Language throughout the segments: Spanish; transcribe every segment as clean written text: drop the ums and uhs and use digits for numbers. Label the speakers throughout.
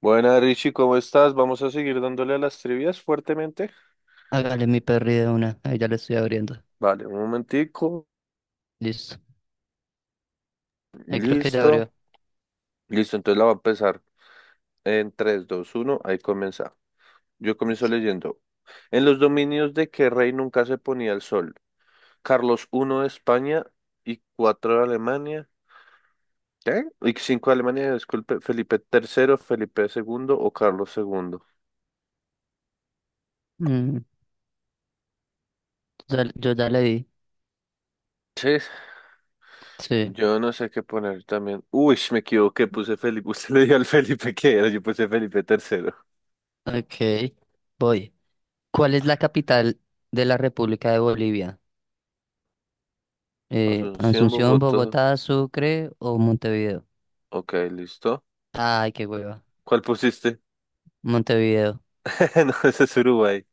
Speaker 1: Buena, Richie, ¿cómo estás? Vamos a seguir dándole a las trivias fuertemente.
Speaker 2: Hágale mi perri de una. Ahí ya le estoy abriendo.
Speaker 1: Vale, un momentico.
Speaker 2: Listo. Ahí creo que ya
Speaker 1: Listo.
Speaker 2: abrió.
Speaker 1: Listo, entonces la va a empezar en tres, dos, uno. Ahí comienza. Yo comienzo
Speaker 2: Listo.
Speaker 1: leyendo. ¿En los dominios de qué rey nunca se ponía el sol? Carlos I de España y 4 de Alemania. ¿Qué? Y 5 de Alemania, disculpe. Felipe tercero, Felipe segundo o Carlos segundo.
Speaker 2: Mm, yo ya le di.
Speaker 1: Sí,
Speaker 2: Sí.
Speaker 1: yo no sé qué poner también. Uy, me equivoqué, puse Felipe. Usted le dio al Felipe que era, yo puse Felipe tercero.
Speaker 2: Ok. Voy. ¿Cuál es la capital de la República de Bolivia?
Speaker 1: Asunción,
Speaker 2: Asunción,
Speaker 1: Bogotá.
Speaker 2: Bogotá, Sucre o Montevideo.
Speaker 1: Ok, listo.
Speaker 2: Ay, qué hueva.
Speaker 1: ¿Cuál pusiste?
Speaker 2: Montevideo.
Speaker 1: No, ese es Uruguay.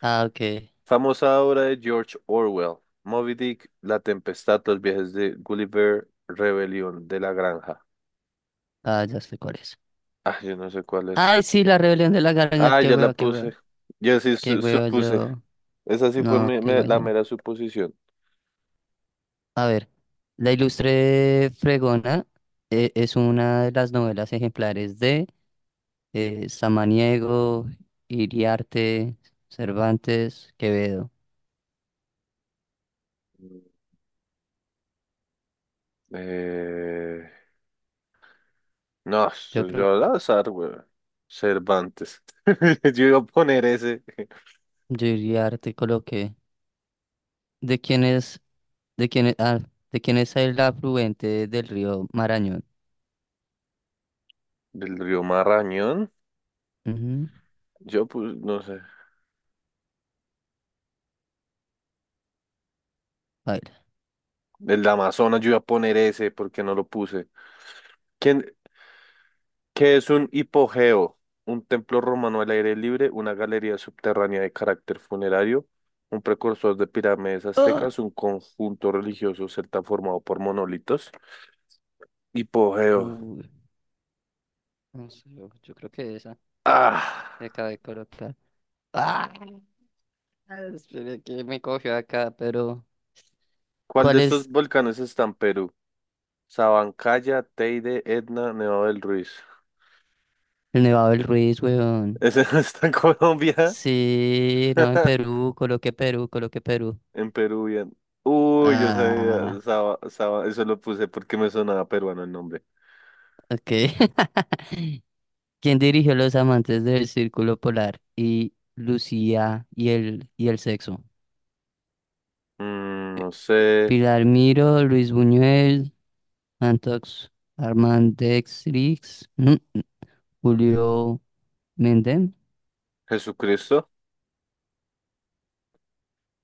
Speaker 2: Ah, ok.
Speaker 1: Famosa obra de George Orwell. Moby Dick, La Tempestad, Los viajes de Gulliver, Rebelión de la Granja.
Speaker 2: Ah, ya sé cuál es.
Speaker 1: Ah, yo no sé cuál es.
Speaker 2: Ay, sí, la rebelión de la garganta.
Speaker 1: Ah,
Speaker 2: Qué
Speaker 1: ya la
Speaker 2: hueva, qué
Speaker 1: puse.
Speaker 2: hueva.
Speaker 1: Yo sí
Speaker 2: Qué
Speaker 1: su-
Speaker 2: hueva
Speaker 1: supuse.
Speaker 2: yo.
Speaker 1: Esa sí fue
Speaker 2: No, qué hueva
Speaker 1: la
Speaker 2: yo.
Speaker 1: mera suposición.
Speaker 2: A ver, La Ilustre Fregona es una de las novelas ejemplares de Samaniego, Iriarte, Cervantes, Quevedo.
Speaker 1: Mm. Eh, no,
Speaker 2: Yo
Speaker 1: eso
Speaker 2: creo
Speaker 1: yo al
Speaker 2: que
Speaker 1: azar, güey. Cervantes. Yo iba a poner ese.
Speaker 2: yo Iriarte coloqué. ¿De quién es, de quién es, ah, ¿De quién es el afluente del río Marañón?
Speaker 1: ¿Del río Marrañón?
Speaker 2: Ujú,
Speaker 1: Yo pues no sé.
Speaker 2: baila.
Speaker 1: El Amazonas, yo iba a poner ese porque no lo puse. ¿Quién, qué es un hipogeo? Un templo romano al aire libre, una galería subterránea de carácter funerario, un precursor de pirámides
Speaker 2: ¡Ah!
Speaker 1: aztecas, un conjunto religioso celta formado por monolitos. Hipogeo.
Speaker 2: Uy, no sé, yo creo que esa
Speaker 1: Ah,
Speaker 2: que acabé de colocar. ¡Ah! Esperé que me cogió acá, pero
Speaker 1: ¿cuál de
Speaker 2: ¿cuál
Speaker 1: estos
Speaker 2: es?
Speaker 1: volcanes está en Perú? Sabancaya, Teide, Etna, Nevado del Ruiz.
Speaker 2: El Nevado del Ruiz, weón.
Speaker 1: ¿Ese no está en Colombia?
Speaker 2: Sí, no, en Perú, coloqué Perú, coloqué Perú.
Speaker 1: En Peruvian. Uy, yo sabía,
Speaker 2: Ah,
Speaker 1: Eso lo puse porque me sonaba peruano el nombre.
Speaker 2: ok. ¿Quién dirigió Los Amantes del Círculo Polar y Lucía y el Sexo?
Speaker 1: No sé,
Speaker 2: Pilar Miro, Luis Buñuel, Antox Armandextrix, ujú, Julio Mendem.
Speaker 1: Jesucristo.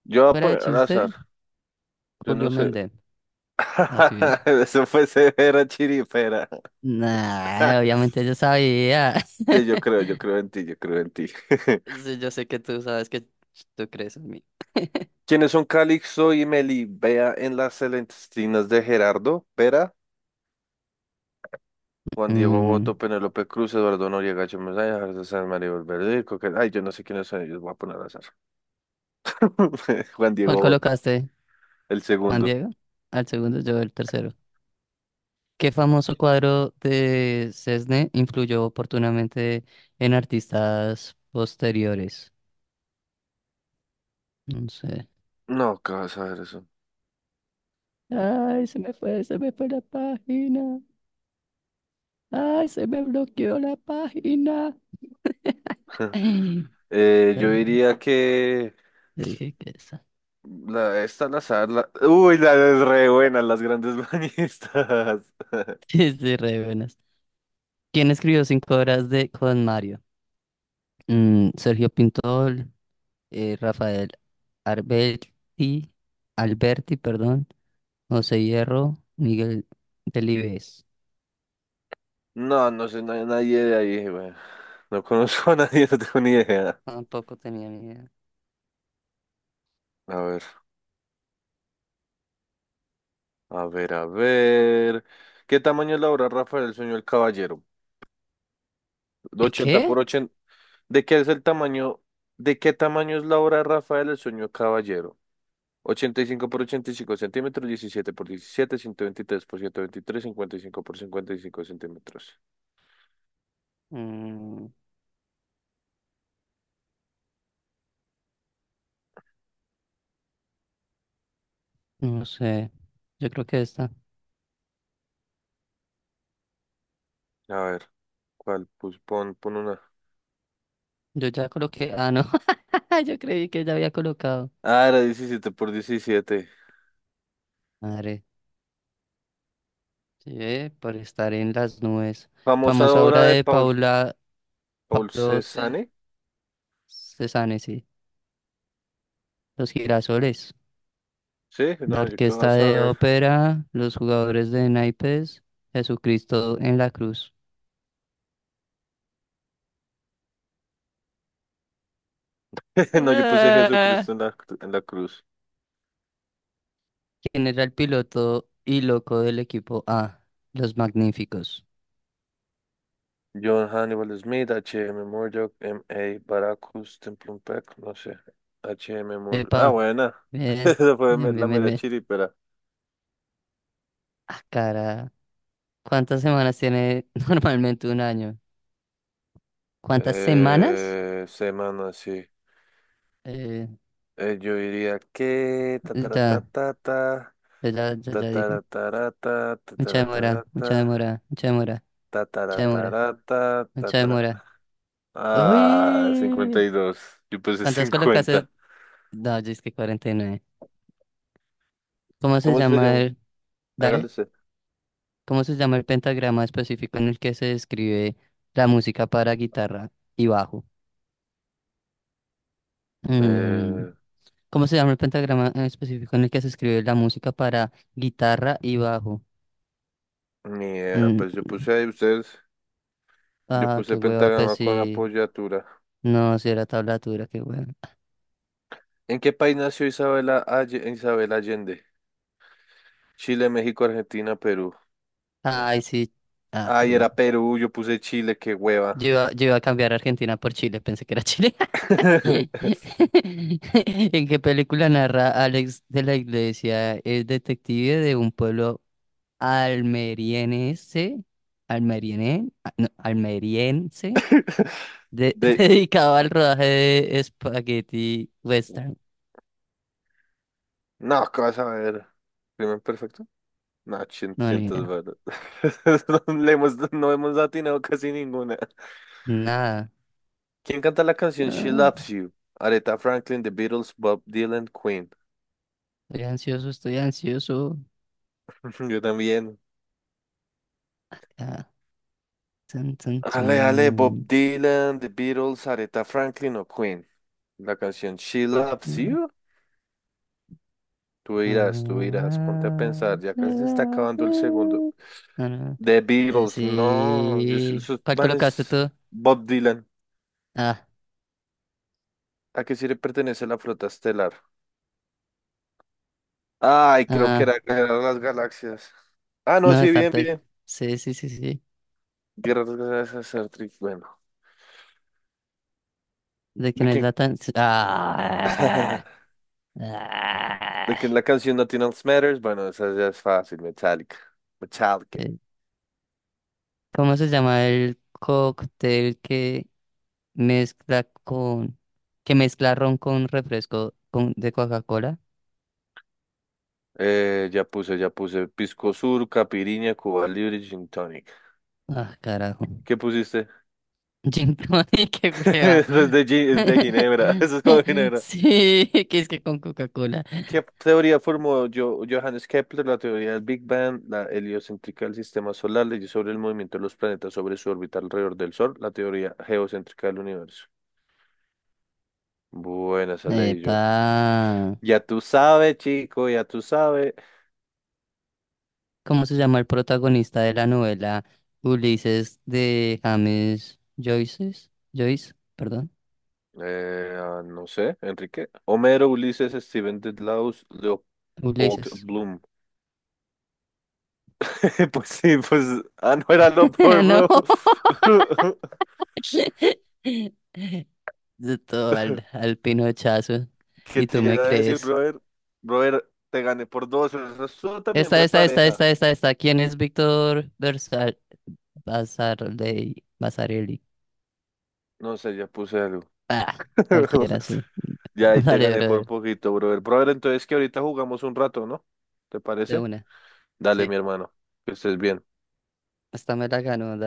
Speaker 1: Yo voy a
Speaker 2: Fuera de
Speaker 1: poner al azar,
Speaker 2: chiste,
Speaker 1: yo no
Speaker 2: Julio
Speaker 1: sé.
Speaker 2: Mendem. Así es.
Speaker 1: Eso fue severa chiripera.
Speaker 2: Nah, obviamente yo sabía.
Speaker 1: Sí, yo creo en ti, yo creo en ti.
Speaker 2: Sí, yo sé que tú sabes que tú crees en mí.
Speaker 1: ¿Quiénes son Calixto y Melibea en las Celestinas de Gerardo? Pera, Juan Diego
Speaker 2: Mm,
Speaker 1: Boto, Penélope Cruz, Eduardo Noriega, Chomel Sáenz, Jorge Sanz, Maribel Verdú, Ay, yo no sé quiénes son ellos, voy a poner al azar. Juan
Speaker 2: ¿Cuál
Speaker 1: Diego
Speaker 2: colocaste,
Speaker 1: El
Speaker 2: Juan
Speaker 1: segundo.
Speaker 2: Diego? Al segundo, yo el tercero. ¿Qué famoso cuadro de Cesne influyó oportunamente en artistas posteriores? No sé.
Speaker 1: No, ¿qué vas a ver eso?
Speaker 2: Ay, se me fue la página. Ay, se me bloqueó la página. Ay,
Speaker 1: Yo
Speaker 2: las-
Speaker 1: diría que
Speaker 2: te dije que esa.
Speaker 1: la, esta al azar, la, la es re buena, las grandes bañistas.
Speaker 2: Sí, sí, re buenas. ¿Quién escribió cinco horas de Con Mario? Sergio Pintor, Rafael Alberti, Alberti, perdón, José Hierro, Miguel Delibes.
Speaker 1: No, no sé, no hay nadie de ahí, güey. No conozco a nadie, no tengo ni idea.
Speaker 2: Tampoco tenía ni idea.
Speaker 1: A ver, a ver, a ver. ¿Qué tamaño es la obra Rafael Sueño del Caballero? De
Speaker 2: ¿Y
Speaker 1: 80 por
Speaker 2: qué?
Speaker 1: 80. ¿De qué es el tamaño? ¿De qué tamaño es la obra Rafael el Sueño del Caballero? 85 por 85 centímetros, 17 por 17, 123 por 123, 55 por 55 centímetros.
Speaker 2: Mm, no sé. Yo creo que esta.
Speaker 1: A ver, ¿cuál? Pues pon una.
Speaker 2: Yo ya coloqué. Ah, no. Yo creí que ya había colocado.
Speaker 1: Ah, era 17 por 17.
Speaker 2: Madre. Sí, por estar en las nubes.
Speaker 1: Famosa
Speaker 2: Famosa obra
Speaker 1: obra de
Speaker 2: de
Speaker 1: Paul,
Speaker 2: Paula,
Speaker 1: Paul
Speaker 2: Pablo Ce-
Speaker 1: Cézanne.
Speaker 2: Cézanne, sí. Los girasoles.
Speaker 1: Sí,
Speaker 2: La
Speaker 1: no, yo qué
Speaker 2: orquesta
Speaker 1: vas a
Speaker 2: de
Speaker 1: ver.
Speaker 2: ópera, los jugadores de naipes, Jesucristo en la cruz.
Speaker 1: No, yo puse
Speaker 2: Ah.
Speaker 1: Jesucristo en la cruz.
Speaker 2: ¿Quién era el piloto y loco del equipo A? Los magníficos.
Speaker 1: John Hannibal Smith, H H.M. Murdoch, M A Baracus, Templum Peck, no sé. H M Murdoch. Ah,
Speaker 2: Epa,
Speaker 1: buena.
Speaker 2: bien,
Speaker 1: Esa fue
Speaker 2: bien,
Speaker 1: la
Speaker 2: bien, bien,
Speaker 1: mera
Speaker 2: bien.
Speaker 1: chiripera.
Speaker 2: Ah, cara, ¿cuántas semanas tiene normalmente un año? ¿Cuántas semanas?
Speaker 1: Semana, sí.
Speaker 2: Eh,
Speaker 1: Yo diría que
Speaker 2: ya, ya dije.
Speaker 1: ta
Speaker 2: Mucha demora, mucha demora, mucha demora,
Speaker 1: ta ta
Speaker 2: mucha demora,
Speaker 1: ta
Speaker 2: mucha
Speaker 1: ta
Speaker 2: demora.
Speaker 1: Ah,
Speaker 2: ¡Uy!
Speaker 1: 52. Yo puse
Speaker 2: ¿Cuántas colocaste
Speaker 1: 50.
Speaker 2: No, yo es que 49. ¿Cómo se
Speaker 1: ¿Cómo se
Speaker 2: llama
Speaker 1: llama?
Speaker 2: el...
Speaker 1: Hágale
Speaker 2: Dale,
Speaker 1: usted.
Speaker 2: ¿cómo se llama el pentagrama específico en el que se describe la música para guitarra y bajo? Mm,
Speaker 1: Eh,
Speaker 2: ¿Cómo se llama el pentagrama en específico en el que se escribe la música para guitarra y bajo?
Speaker 1: ni idea,
Speaker 2: Mm,
Speaker 1: pues yo puse ahí ustedes. Yo
Speaker 2: Ah,
Speaker 1: puse
Speaker 2: qué hueva, pues
Speaker 1: pentagrama con
Speaker 2: sí.
Speaker 1: apoyatura.
Speaker 2: No, si era tablatura, qué hueva.
Speaker 1: ¿En qué país nació Isabel Allende? Chile, México, Argentina, Perú. Ya.
Speaker 2: Ay, sí. Ah, qué
Speaker 1: Ay,
Speaker 2: hueva.
Speaker 1: era Perú, yo puse Chile, qué hueva.
Speaker 2: Yo iba a cambiar Argentina por Chile, pensé que era Chile. ¿En qué película narra Alex de la Iglesia? Es detective de un pueblo almeriense, almeriene- ah, no, almeriense,
Speaker 1: De...
Speaker 2: dedicado al rodaje de Spaghetti Western.
Speaker 1: No, ¿qué vas a ver? ¿Crimen perfecto? No, siento,
Speaker 2: No, ni
Speaker 1: siento es
Speaker 2: idea.
Speaker 1: verdad. No le hemos, no hemos atinado casi ninguna.
Speaker 2: Nada.
Speaker 1: ¿Quién canta la canción She
Speaker 2: Ah,
Speaker 1: Loves You? Aretha Franklin, The Beatles, Bob Dylan, Queen.
Speaker 2: estoy ansioso, estoy ansioso.
Speaker 1: Yo también.
Speaker 2: Ah, tun, tun, tun.
Speaker 1: Ale, ale, Bob Dylan, The Beatles, Aretha Franklin o Queen. La canción She Loves You.
Speaker 2: Ah,
Speaker 1: Tú irás, ponte a pensar, ya
Speaker 2: ah, ah,
Speaker 1: casi se está
Speaker 2: ah, ah.
Speaker 1: acabando el segundo.
Speaker 2: ah, No, no, no.
Speaker 1: The Beatles, no,
Speaker 2: Sí.
Speaker 1: esos
Speaker 2: ¿Cuál colocaste
Speaker 1: manes,
Speaker 2: tú?
Speaker 1: Bob Dylan.
Speaker 2: Ah,
Speaker 1: ¿A qué sí le pertenece la flota estelar? Ay, creo que
Speaker 2: ah,
Speaker 1: era Guerra de las Galaxias. Ah, no,
Speaker 2: no,
Speaker 1: sí,
Speaker 2: Star
Speaker 1: bien,
Speaker 2: Trek.
Speaker 1: bien.
Speaker 2: Sí, sí, sí, sí.
Speaker 1: Guerra de las Galaxias, Star Trek, bueno.
Speaker 2: De
Speaker 1: ¿De
Speaker 2: quién es
Speaker 1: quién?
Speaker 2: la tan. Ah,
Speaker 1: ¿De
Speaker 2: ah.
Speaker 1: quién la canción Nothing Else Matters? Bueno, esa ya es fácil, Metallica. Metallica.
Speaker 2: Eh, ¿Cómo se llama el cóctel mezcla con. que mezcla ron con refresco con... de Coca-Cola?
Speaker 1: Ya puse Pisco Sur, Caipirinha, Cuba Libre, Gin Tonic.
Speaker 2: Ah, carajo.
Speaker 1: ¿Qué pusiste?
Speaker 2: Gin tonic, qué prueba.
Speaker 1: Eso es de Ginebra, eso es con Ginebra.
Speaker 2: Sí, que es que con Coca-Cola.
Speaker 1: ¿Qué teoría formó Johannes Kepler? La teoría del Big Bang, la heliocéntrica del sistema solar, leyes sobre el movimiento de los planetas sobre su órbita alrededor del Sol, la teoría geocéntrica del universo. Buena, esa leí yo.
Speaker 2: Epa.
Speaker 1: Ya tú sabes, chico, ya tú sabes.
Speaker 2: ¿Cómo se llama el protagonista de la novela Ulises de James Joyce, perdón.
Speaker 1: No sé, Enrique. Homero, Ulises, Steven Dedalus, Leopold
Speaker 2: Ulises.
Speaker 1: Bloom. Pues sí, pues. Ah, no era lo Leopold,
Speaker 2: No.
Speaker 1: bro.
Speaker 2: Al pinochazo.
Speaker 1: ¿Qué
Speaker 2: Y
Speaker 1: te
Speaker 2: tú me
Speaker 1: iba a decir,
Speaker 2: crees.
Speaker 1: brother? Brother, te gané por dos, pero eso estuvo también repareja.
Speaker 2: Esta. ¿Quién es Víctor Versal Basarelli?
Speaker 1: No sé, ya puse algo.
Speaker 2: Ah, cualquiera, sí.
Speaker 1: Ya ahí te
Speaker 2: Dale,
Speaker 1: gané por
Speaker 2: brother.
Speaker 1: poquito, brother. Brother, entonces que ahorita jugamos un rato, ¿no? ¿Te
Speaker 2: De
Speaker 1: parece?
Speaker 2: una.
Speaker 1: Dale, mi
Speaker 2: Sí.
Speaker 1: hermano. Que estés bien.
Speaker 2: Esta me la ganó.